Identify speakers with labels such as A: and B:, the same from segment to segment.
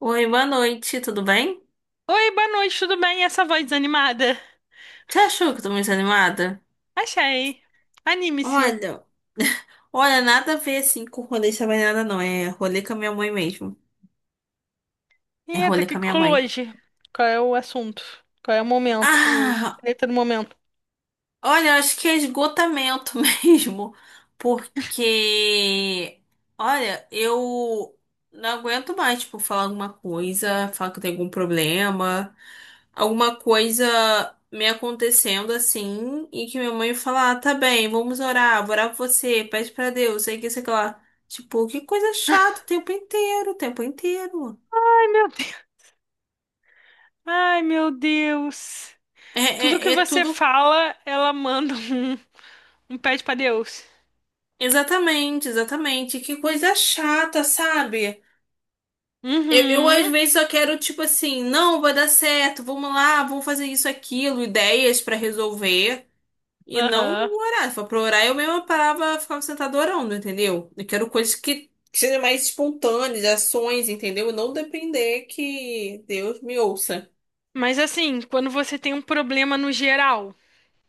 A: Oi, boa noite, tudo bem?
B: Oi, boa noite, tudo bem? E essa voz desanimada?
A: Você achou que eu tô muito animada?
B: Achei. Anime-se.
A: Olha, olha, nada a ver assim com rolê de nada não. É rolê com a minha mãe mesmo. É
B: Eita, o
A: rolê com
B: que
A: a
B: que
A: minha
B: rolou
A: mãe.
B: hoje? Qual é o assunto? Qual é o momento? O
A: Ah,
B: treta do momento.
A: olha, eu acho que é esgotamento mesmo, porque, olha, eu não aguento mais, tipo, falar alguma coisa, falar que eu tenho algum problema, alguma coisa me acontecendo assim, e que minha mãe fala, ah, tá bem, vamos orar, vou orar por você, pede pra Deus, sei que lá. Tipo, que coisa chata o tempo inteiro, o tempo inteiro.
B: Ai, meu Deus. Ai, meu Deus.
A: É,
B: Tudo que
A: é, é
B: você
A: tudo.
B: fala, ela manda um, pede pra Deus.
A: Exatamente, exatamente. Que coisa chata, sabe? Eu, às
B: Uhum.
A: vezes só quero, tipo assim, não, vai dar certo, vamos lá, vamos fazer isso, aquilo, ideias pra resolver. E não
B: Aham.
A: orar. Se for pra orar, eu mesma parava, ficava sentada orando, entendeu? Eu quero coisas que sejam mais espontâneas, ações, entendeu? E não depender que Deus me ouça.
B: Mas assim, quando você tem um problema no geral.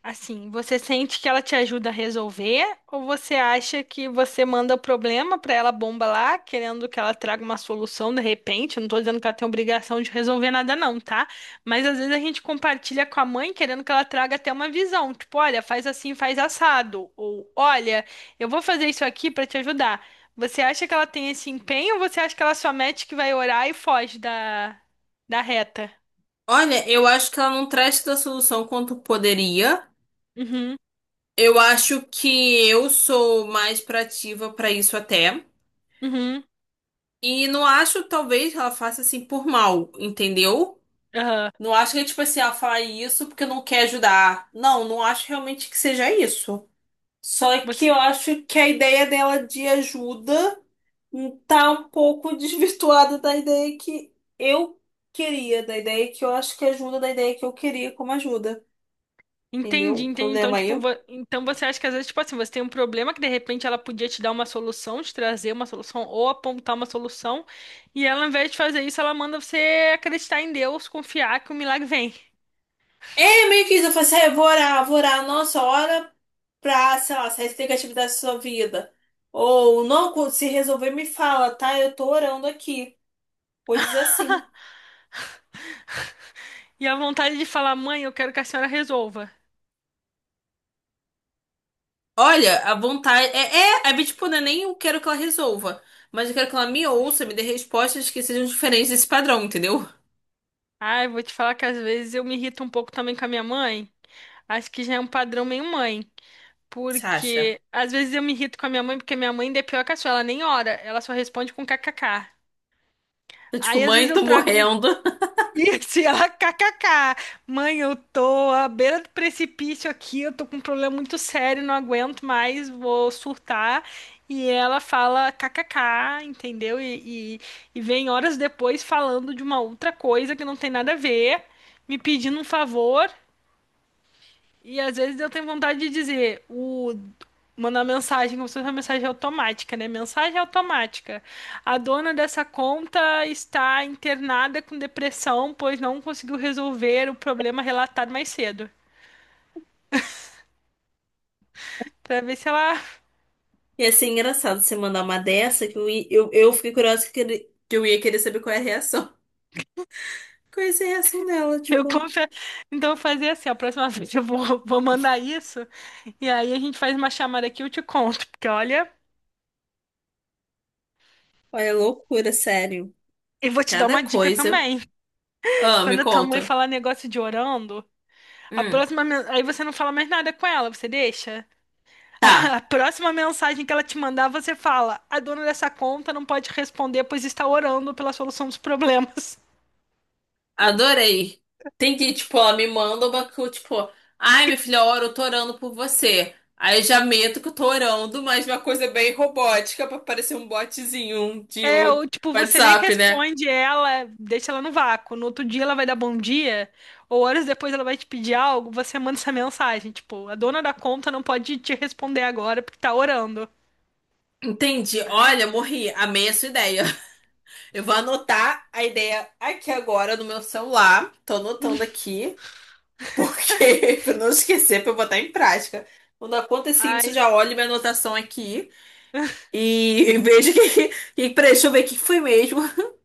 B: Assim, você sente que ela te ajuda a resolver ou você acha que você manda o problema pra ela bomba lá, querendo que ela traga uma solução de repente? Eu não tô dizendo que ela tem obrigação de resolver nada não, tá? Mas às vezes a gente compartilha com a mãe querendo que ela traga até uma visão, tipo, olha, faz assim, faz assado, ou olha, eu vou fazer isso aqui pra te ajudar. Você acha que ela tem esse empenho ou você acha que ela só mete que vai orar e foge da reta?
A: Olha, eu acho que ela não traz tanta solução quanto poderia.
B: Uhum.
A: Eu acho que eu sou mais proativa pra isso até.
B: Uhum.
A: E não acho, talvez, que ela faça assim por mal, entendeu?
B: Aham.
A: Não acho que é tipo assim, ela fala isso porque não quer ajudar. Não, não acho realmente que seja isso. Só que eu
B: Você
A: acho que a ideia dela de ajuda tá um pouco desvirtuada da ideia que eu queria, da ideia que eu acho que ajuda, da ideia que eu queria como ajuda. Entendeu?
B: Entendi,
A: O
B: entendi. Então,
A: problema aí.
B: tipo, então você acha que às vezes, tipo assim, você tem um problema que de repente ela podia te dar uma solução, te trazer uma solução ou apontar uma solução, e ela, ao invés de fazer isso, ela manda você acreditar em Deus, confiar que o milagre vem.
A: É meio que isso, eu falei assim, "Ah, eu vou orar a nossa hora pra, sei lá, sair negativo da sua vida. Ou não, quando se resolver, me fala, tá? Eu tô orando aqui. Coisas assim."
B: E a vontade de falar, mãe, eu quero que a senhora resolva.
A: Olha, a vontade. É, é, é tipo, não é nem eu quero que ela resolva, mas eu quero que ela me ouça, me dê respostas que sejam diferentes desse padrão, entendeu?
B: Ai, vou te falar que às vezes eu me irrito um pouco também com a minha mãe. Acho que já é um padrão meio mãe.
A: Você acha?
B: Porque às vezes eu me irrito com a minha mãe, porque minha mãe ainda é pior que a sua, ela nem ora, ela só responde com kkk.
A: Eu, tipo,
B: Aí às vezes
A: mãe,
B: eu
A: tô
B: trago.
A: morrendo.
B: E assim, ela, kkk, mãe, eu tô à beira do precipício aqui, eu tô com um problema muito sério, não aguento mais, vou surtar. E ela fala kkk, entendeu? E vem horas depois falando de uma outra coisa que não tem nada a ver, me pedindo um favor. E às vezes eu tenho vontade de dizer, o mandar mensagem, como se fosse uma mensagem automática, né? Mensagem automática. A dona dessa conta está internada com depressão, pois não conseguiu resolver o problema relatado mais cedo. Pra ver se ela.
A: E assim, engraçado você mandar uma dessa que eu fiquei curiosa que eu ia querer saber qual é a reação. Qual é a reação dela,
B: Eu
A: tipo.
B: confio. Então, eu vou fazer assim: a próxima vez eu vou mandar isso. E aí a gente faz uma chamada aqui e eu te conto. Porque olha,
A: Olha, loucura, sério.
B: e vou te dar
A: Cada
B: uma dica
A: coisa.
B: também.
A: Ah, me
B: Quando a tua mãe
A: conta.
B: falar negócio de orando,
A: Hum,
B: aí você não fala mais nada com ela, você deixa?
A: tá.
B: A próxima mensagem que ela te mandar, você fala: a dona dessa conta não pode responder, pois está orando pela solução dos problemas.
A: Adorei. Tem que, tipo, ela me manda tipo, ai, minha filha, ora, eu tô orando por você. Aí eu já meto que eu tô orando, mas uma coisa bem robótica pra parecer um botzinho de
B: É, ou tipo, você nem
A: WhatsApp, né?
B: responde ela, deixa ela no vácuo. No outro dia ela vai dar bom dia, ou horas depois ela vai te pedir algo, você manda essa mensagem, tipo, a dona da conta não pode te responder agora porque tá orando.
A: Entendi. Olha, morri. Amei a sua ideia. Eu vou anotar a ideia aqui agora no meu celular. Tô anotando aqui. Porque, para não esquecer, para eu botar em prática. Quando acontecer isso,
B: Ai,
A: já olho minha anotação aqui e vejo que peraí, deixa eu ver o que foi mesmo.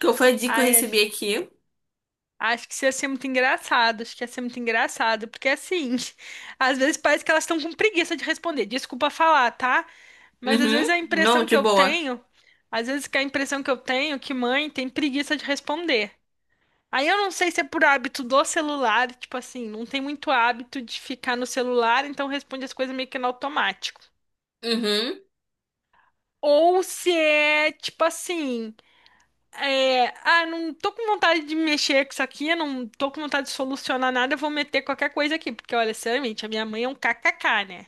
A: Que foi a dica que eu
B: acho
A: recebi aqui.
B: que isso ia ser muito engraçado, acho que ia ser muito engraçado, porque assim, às vezes parece que elas estão com preguiça de responder. Desculpa falar, tá? Mas às vezes
A: Uhum.
B: a
A: Não,
B: impressão que
A: de
B: eu
A: boa.
B: tenho, às vezes que a impressão que eu tenho é que mãe tem preguiça de responder. Aí eu não sei se é por hábito do celular, tipo assim, não tem muito hábito de ficar no celular, então responde as coisas meio que no automático.
A: Uhum.
B: Ou se é tipo assim, é, ah, não tô com vontade de mexer com isso aqui, eu não tô com vontade de solucionar nada, eu vou meter qualquer coisa aqui, porque olha, sinceramente, a minha mãe é um kkk, né?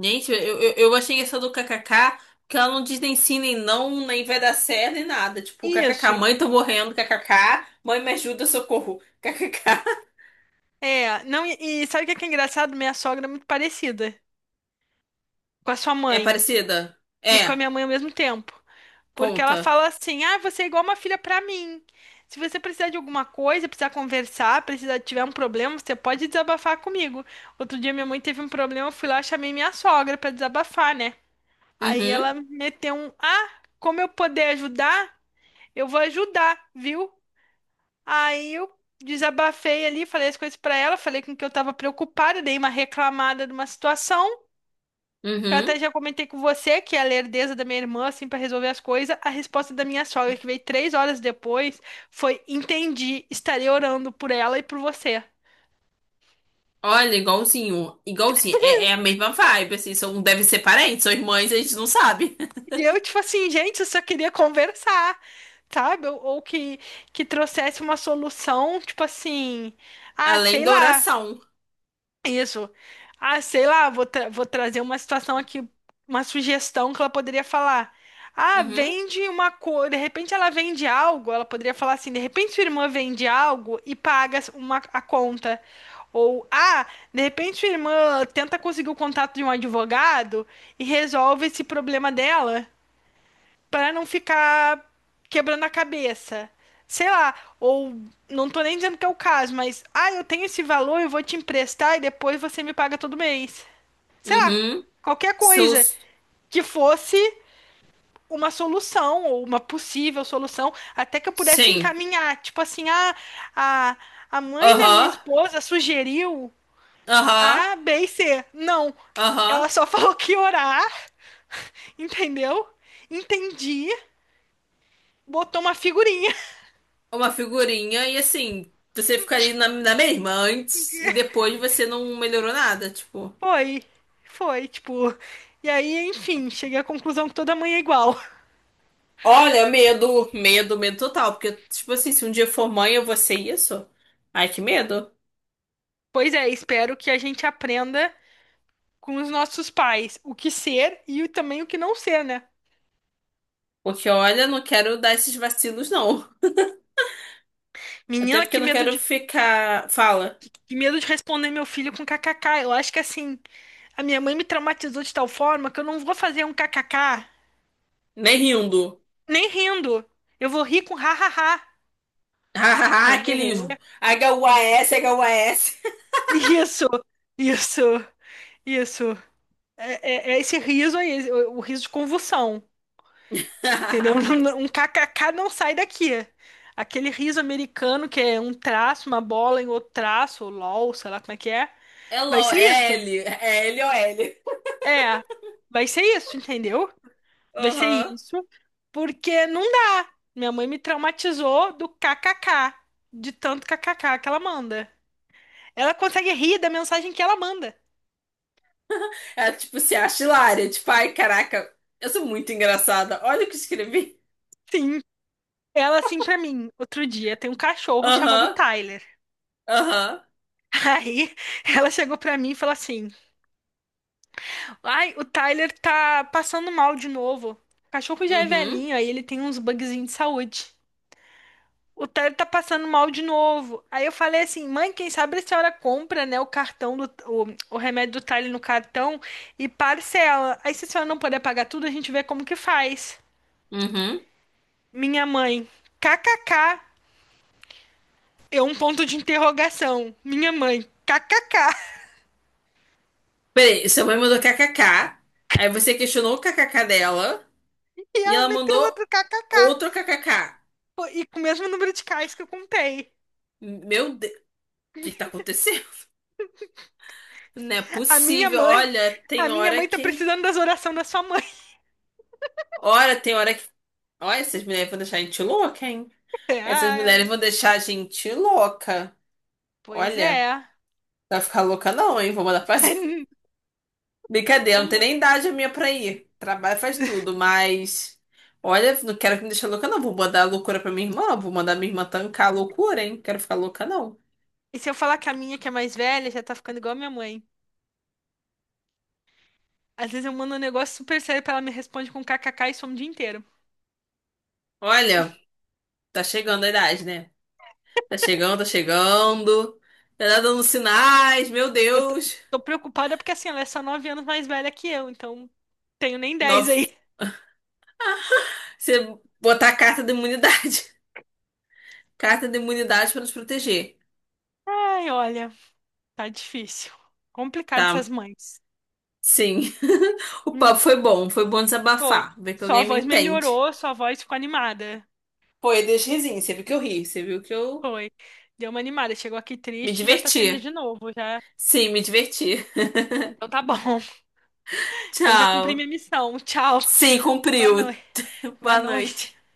A: Gente, eu achei essa do kkk, que ela não diz nem sim, nem não, nem vai dar certo, nem nada. Tipo, kkk,
B: Isso.
A: mãe, tô morrendo, kkk, mãe, me ajuda, socorro, kkk.
B: É, não, e sabe o que é engraçado? Minha sogra é muito parecida com a sua
A: É
B: mãe.
A: parecida?
B: E com a
A: É,
B: minha mãe ao mesmo tempo. Porque ela
A: conta.
B: fala assim: ah, você é igual uma filha pra mim. Se você precisar de alguma coisa, precisar conversar, precisar tiver um problema, você pode desabafar comigo. Outro dia minha mãe teve um problema, eu fui lá, chamei minha sogra pra desabafar, né? Aí
A: Uhum,
B: ela meteu um: ah, como eu poder ajudar? Eu vou ajudar, viu? Aí eu desabafei ali, falei as coisas pra ela, falei com que eu tava preocupada, dei uma reclamada de uma situação. Que eu até
A: uhum.
B: já comentei com você que a lerdeza da minha irmã, assim, pra resolver as coisas, a resposta da minha sogra, que veio 3 horas depois, foi: entendi, estarei orando por ela e por você.
A: Olha, igualzinho, igualzinho, é a mesma vibe, assim, devem ser parentes, são irmãs, a gente não sabe.
B: E eu, tipo assim, gente, eu só queria conversar, sabe? Ou, que trouxesse uma solução, tipo assim, ah,
A: Além
B: sei
A: da
B: lá.
A: oração.
B: Isso. Ah, sei lá, vou trazer uma situação aqui, uma sugestão que ela poderia falar. Ah,
A: Uhum,
B: vende uma coisa, de repente ela vende algo, ela poderia falar assim, de repente sua irmã vende algo e paga uma, a conta. Ou, ah, de repente sua irmã tenta conseguir o contato de um advogado e resolve esse problema dela. Pra não ficar quebrando a cabeça. Sei lá, ou não tô nem dizendo que é o caso, mas ah, eu tenho esse valor, eu vou te emprestar e depois você me paga todo mês. Sei lá,
A: uhum,
B: qualquer
A: são,
B: coisa que fosse uma solução ou uma possível solução, até que eu pudesse
A: sim,
B: encaminhar, tipo assim, ah, a a mãe da minha
A: aham,
B: esposa sugeriu
A: aham,
B: A, B e C. Não,
A: aham,
B: ela só falou que ia orar, entendeu? Entendi, botou uma figurinha.
A: uma figurinha, e assim, você fica ali na mesma antes, e depois você não melhorou nada, tipo.
B: Foi, foi, tipo. E aí, enfim, cheguei à conclusão que toda mãe é igual.
A: Olha, medo, medo, medo total, porque, tipo assim, se um dia for mãe eu vou ser isso, ai que medo,
B: Pois é, espero que a gente aprenda com os nossos pais o que ser e também o que não ser, né?
A: porque olha, não quero dar esses vacilos não. Até
B: Menina,
A: porque eu não quero ficar. Fala.
B: que medo de responder meu filho com kkk. Eu acho que assim, a minha mãe me traumatizou de tal forma que eu não vou fazer um kkk
A: Nem rindo.
B: nem rindo. Eu vou rir com hahaha.
A: Aquele.
B: Hehehe.
A: HUAS, HUAS.
B: Isso, isso, isso. É esse riso aí, o riso de convulsão. Entendeu? Um kkk não sai daqui. Aquele riso americano que é um traço, uma bola em outro traço, ou LOL, sei lá como é que é.
A: É
B: Vai ser isso.
A: LOL, é L. É LOL.
B: É, vai ser isso, entendeu? Vai ser
A: Aham.
B: isso, porque não dá. Minha mãe me traumatizou do kkk, de tanto kkk que ela manda. Ela consegue rir da mensagem que ela manda.
A: Ela, tipo, se acha hilária. Tipo, ai, caraca, eu sou muito engraçada. Olha o que escrevi.
B: Sim. Ela assim pra mim, outro dia, tem um cachorro chamado
A: Aham,
B: Tyler.
A: aham.
B: Aí ela chegou pra mim e falou assim: ai, o Tyler tá passando mal de novo. O cachorro já é
A: Uhum,
B: velhinho, aí ele tem uns bugzinhos de saúde. O Tyler tá passando mal de novo. Aí eu falei assim, mãe, quem sabe a senhora compra, né, o cartão do, o remédio do Tyler no cartão e parcela. Aí se a senhora não puder pagar tudo, a gente vê como que faz.
A: uhum.
B: Minha mãe, kkk, é um ponto de interrogação. Minha mãe, kkk.
A: Peraí, sua mãe mandou k k k. Aí você questionou o k k k dela.
B: E
A: E
B: ela
A: ela
B: meteu
A: mandou
B: outro kkk.
A: outro k K K.
B: Pô, e com o mesmo número de cais que eu contei.
A: Meu Deus, o que que tá acontecendo? Não é
B: A minha
A: possível.
B: mãe,
A: Olha,
B: a
A: tem
B: minha
A: hora
B: mãe tá
A: que.
B: precisando das orações da sua mãe.
A: Olha, tem hora que. Olha, essas mulheres vão deixar a gente louca, hein? Essas
B: Ah,
A: mulheres vão deixar a gente louca.
B: pois
A: Olha,
B: é.
A: não vai ficar louca não, hein? Vou mandar fazer. Brincadeira, não tem
B: Uma-
A: nem idade a minha pra ir. Trabalho faz tudo, mas. Olha, não quero que me deixe louca, não. Vou mandar a loucura pra minha irmã. Vou mandar minha irmã tancar a loucura, hein? Quero ficar louca, não.
B: E se eu falar que a minha, que é mais velha, já tá ficando igual a minha mãe. Às vezes eu mando um negócio super sério pra ela me responde com kkk e some o dia inteiro.
A: Olha, tá chegando a idade, né? Tá chegando, tá chegando. Tá dando sinais, meu
B: Eu tô,
A: Deus.
B: tô preocupada porque assim, ela é só 9 anos mais velha que eu, então tenho nem 10
A: Nove.
B: aí.
A: Você botar a carta da imunidade. Carta da imunidade pra nos proteger,
B: Ai, olha, tá difícil. Complicado
A: tá?
B: essas mães.
A: Sim. O
B: Hum,
A: papo foi bom
B: Foi.
A: desabafar, ver que
B: Sua
A: alguém me
B: voz
A: entende.
B: melhorou, sua voz ficou animada.
A: Pô, eu dei uns risinhos, você viu que eu ri, você viu que eu
B: Foi. Deu uma animada. Chegou aqui
A: me
B: triste, já tá feliz
A: diverti.
B: de novo, já.
A: Sim, me diverti.
B: Então tá bom. Então já cumpri
A: Tchau.
B: minha missão. Tchau.
A: Sim,
B: Boa
A: cumpriu.
B: noite. Boa
A: Boa
B: noite.
A: noite.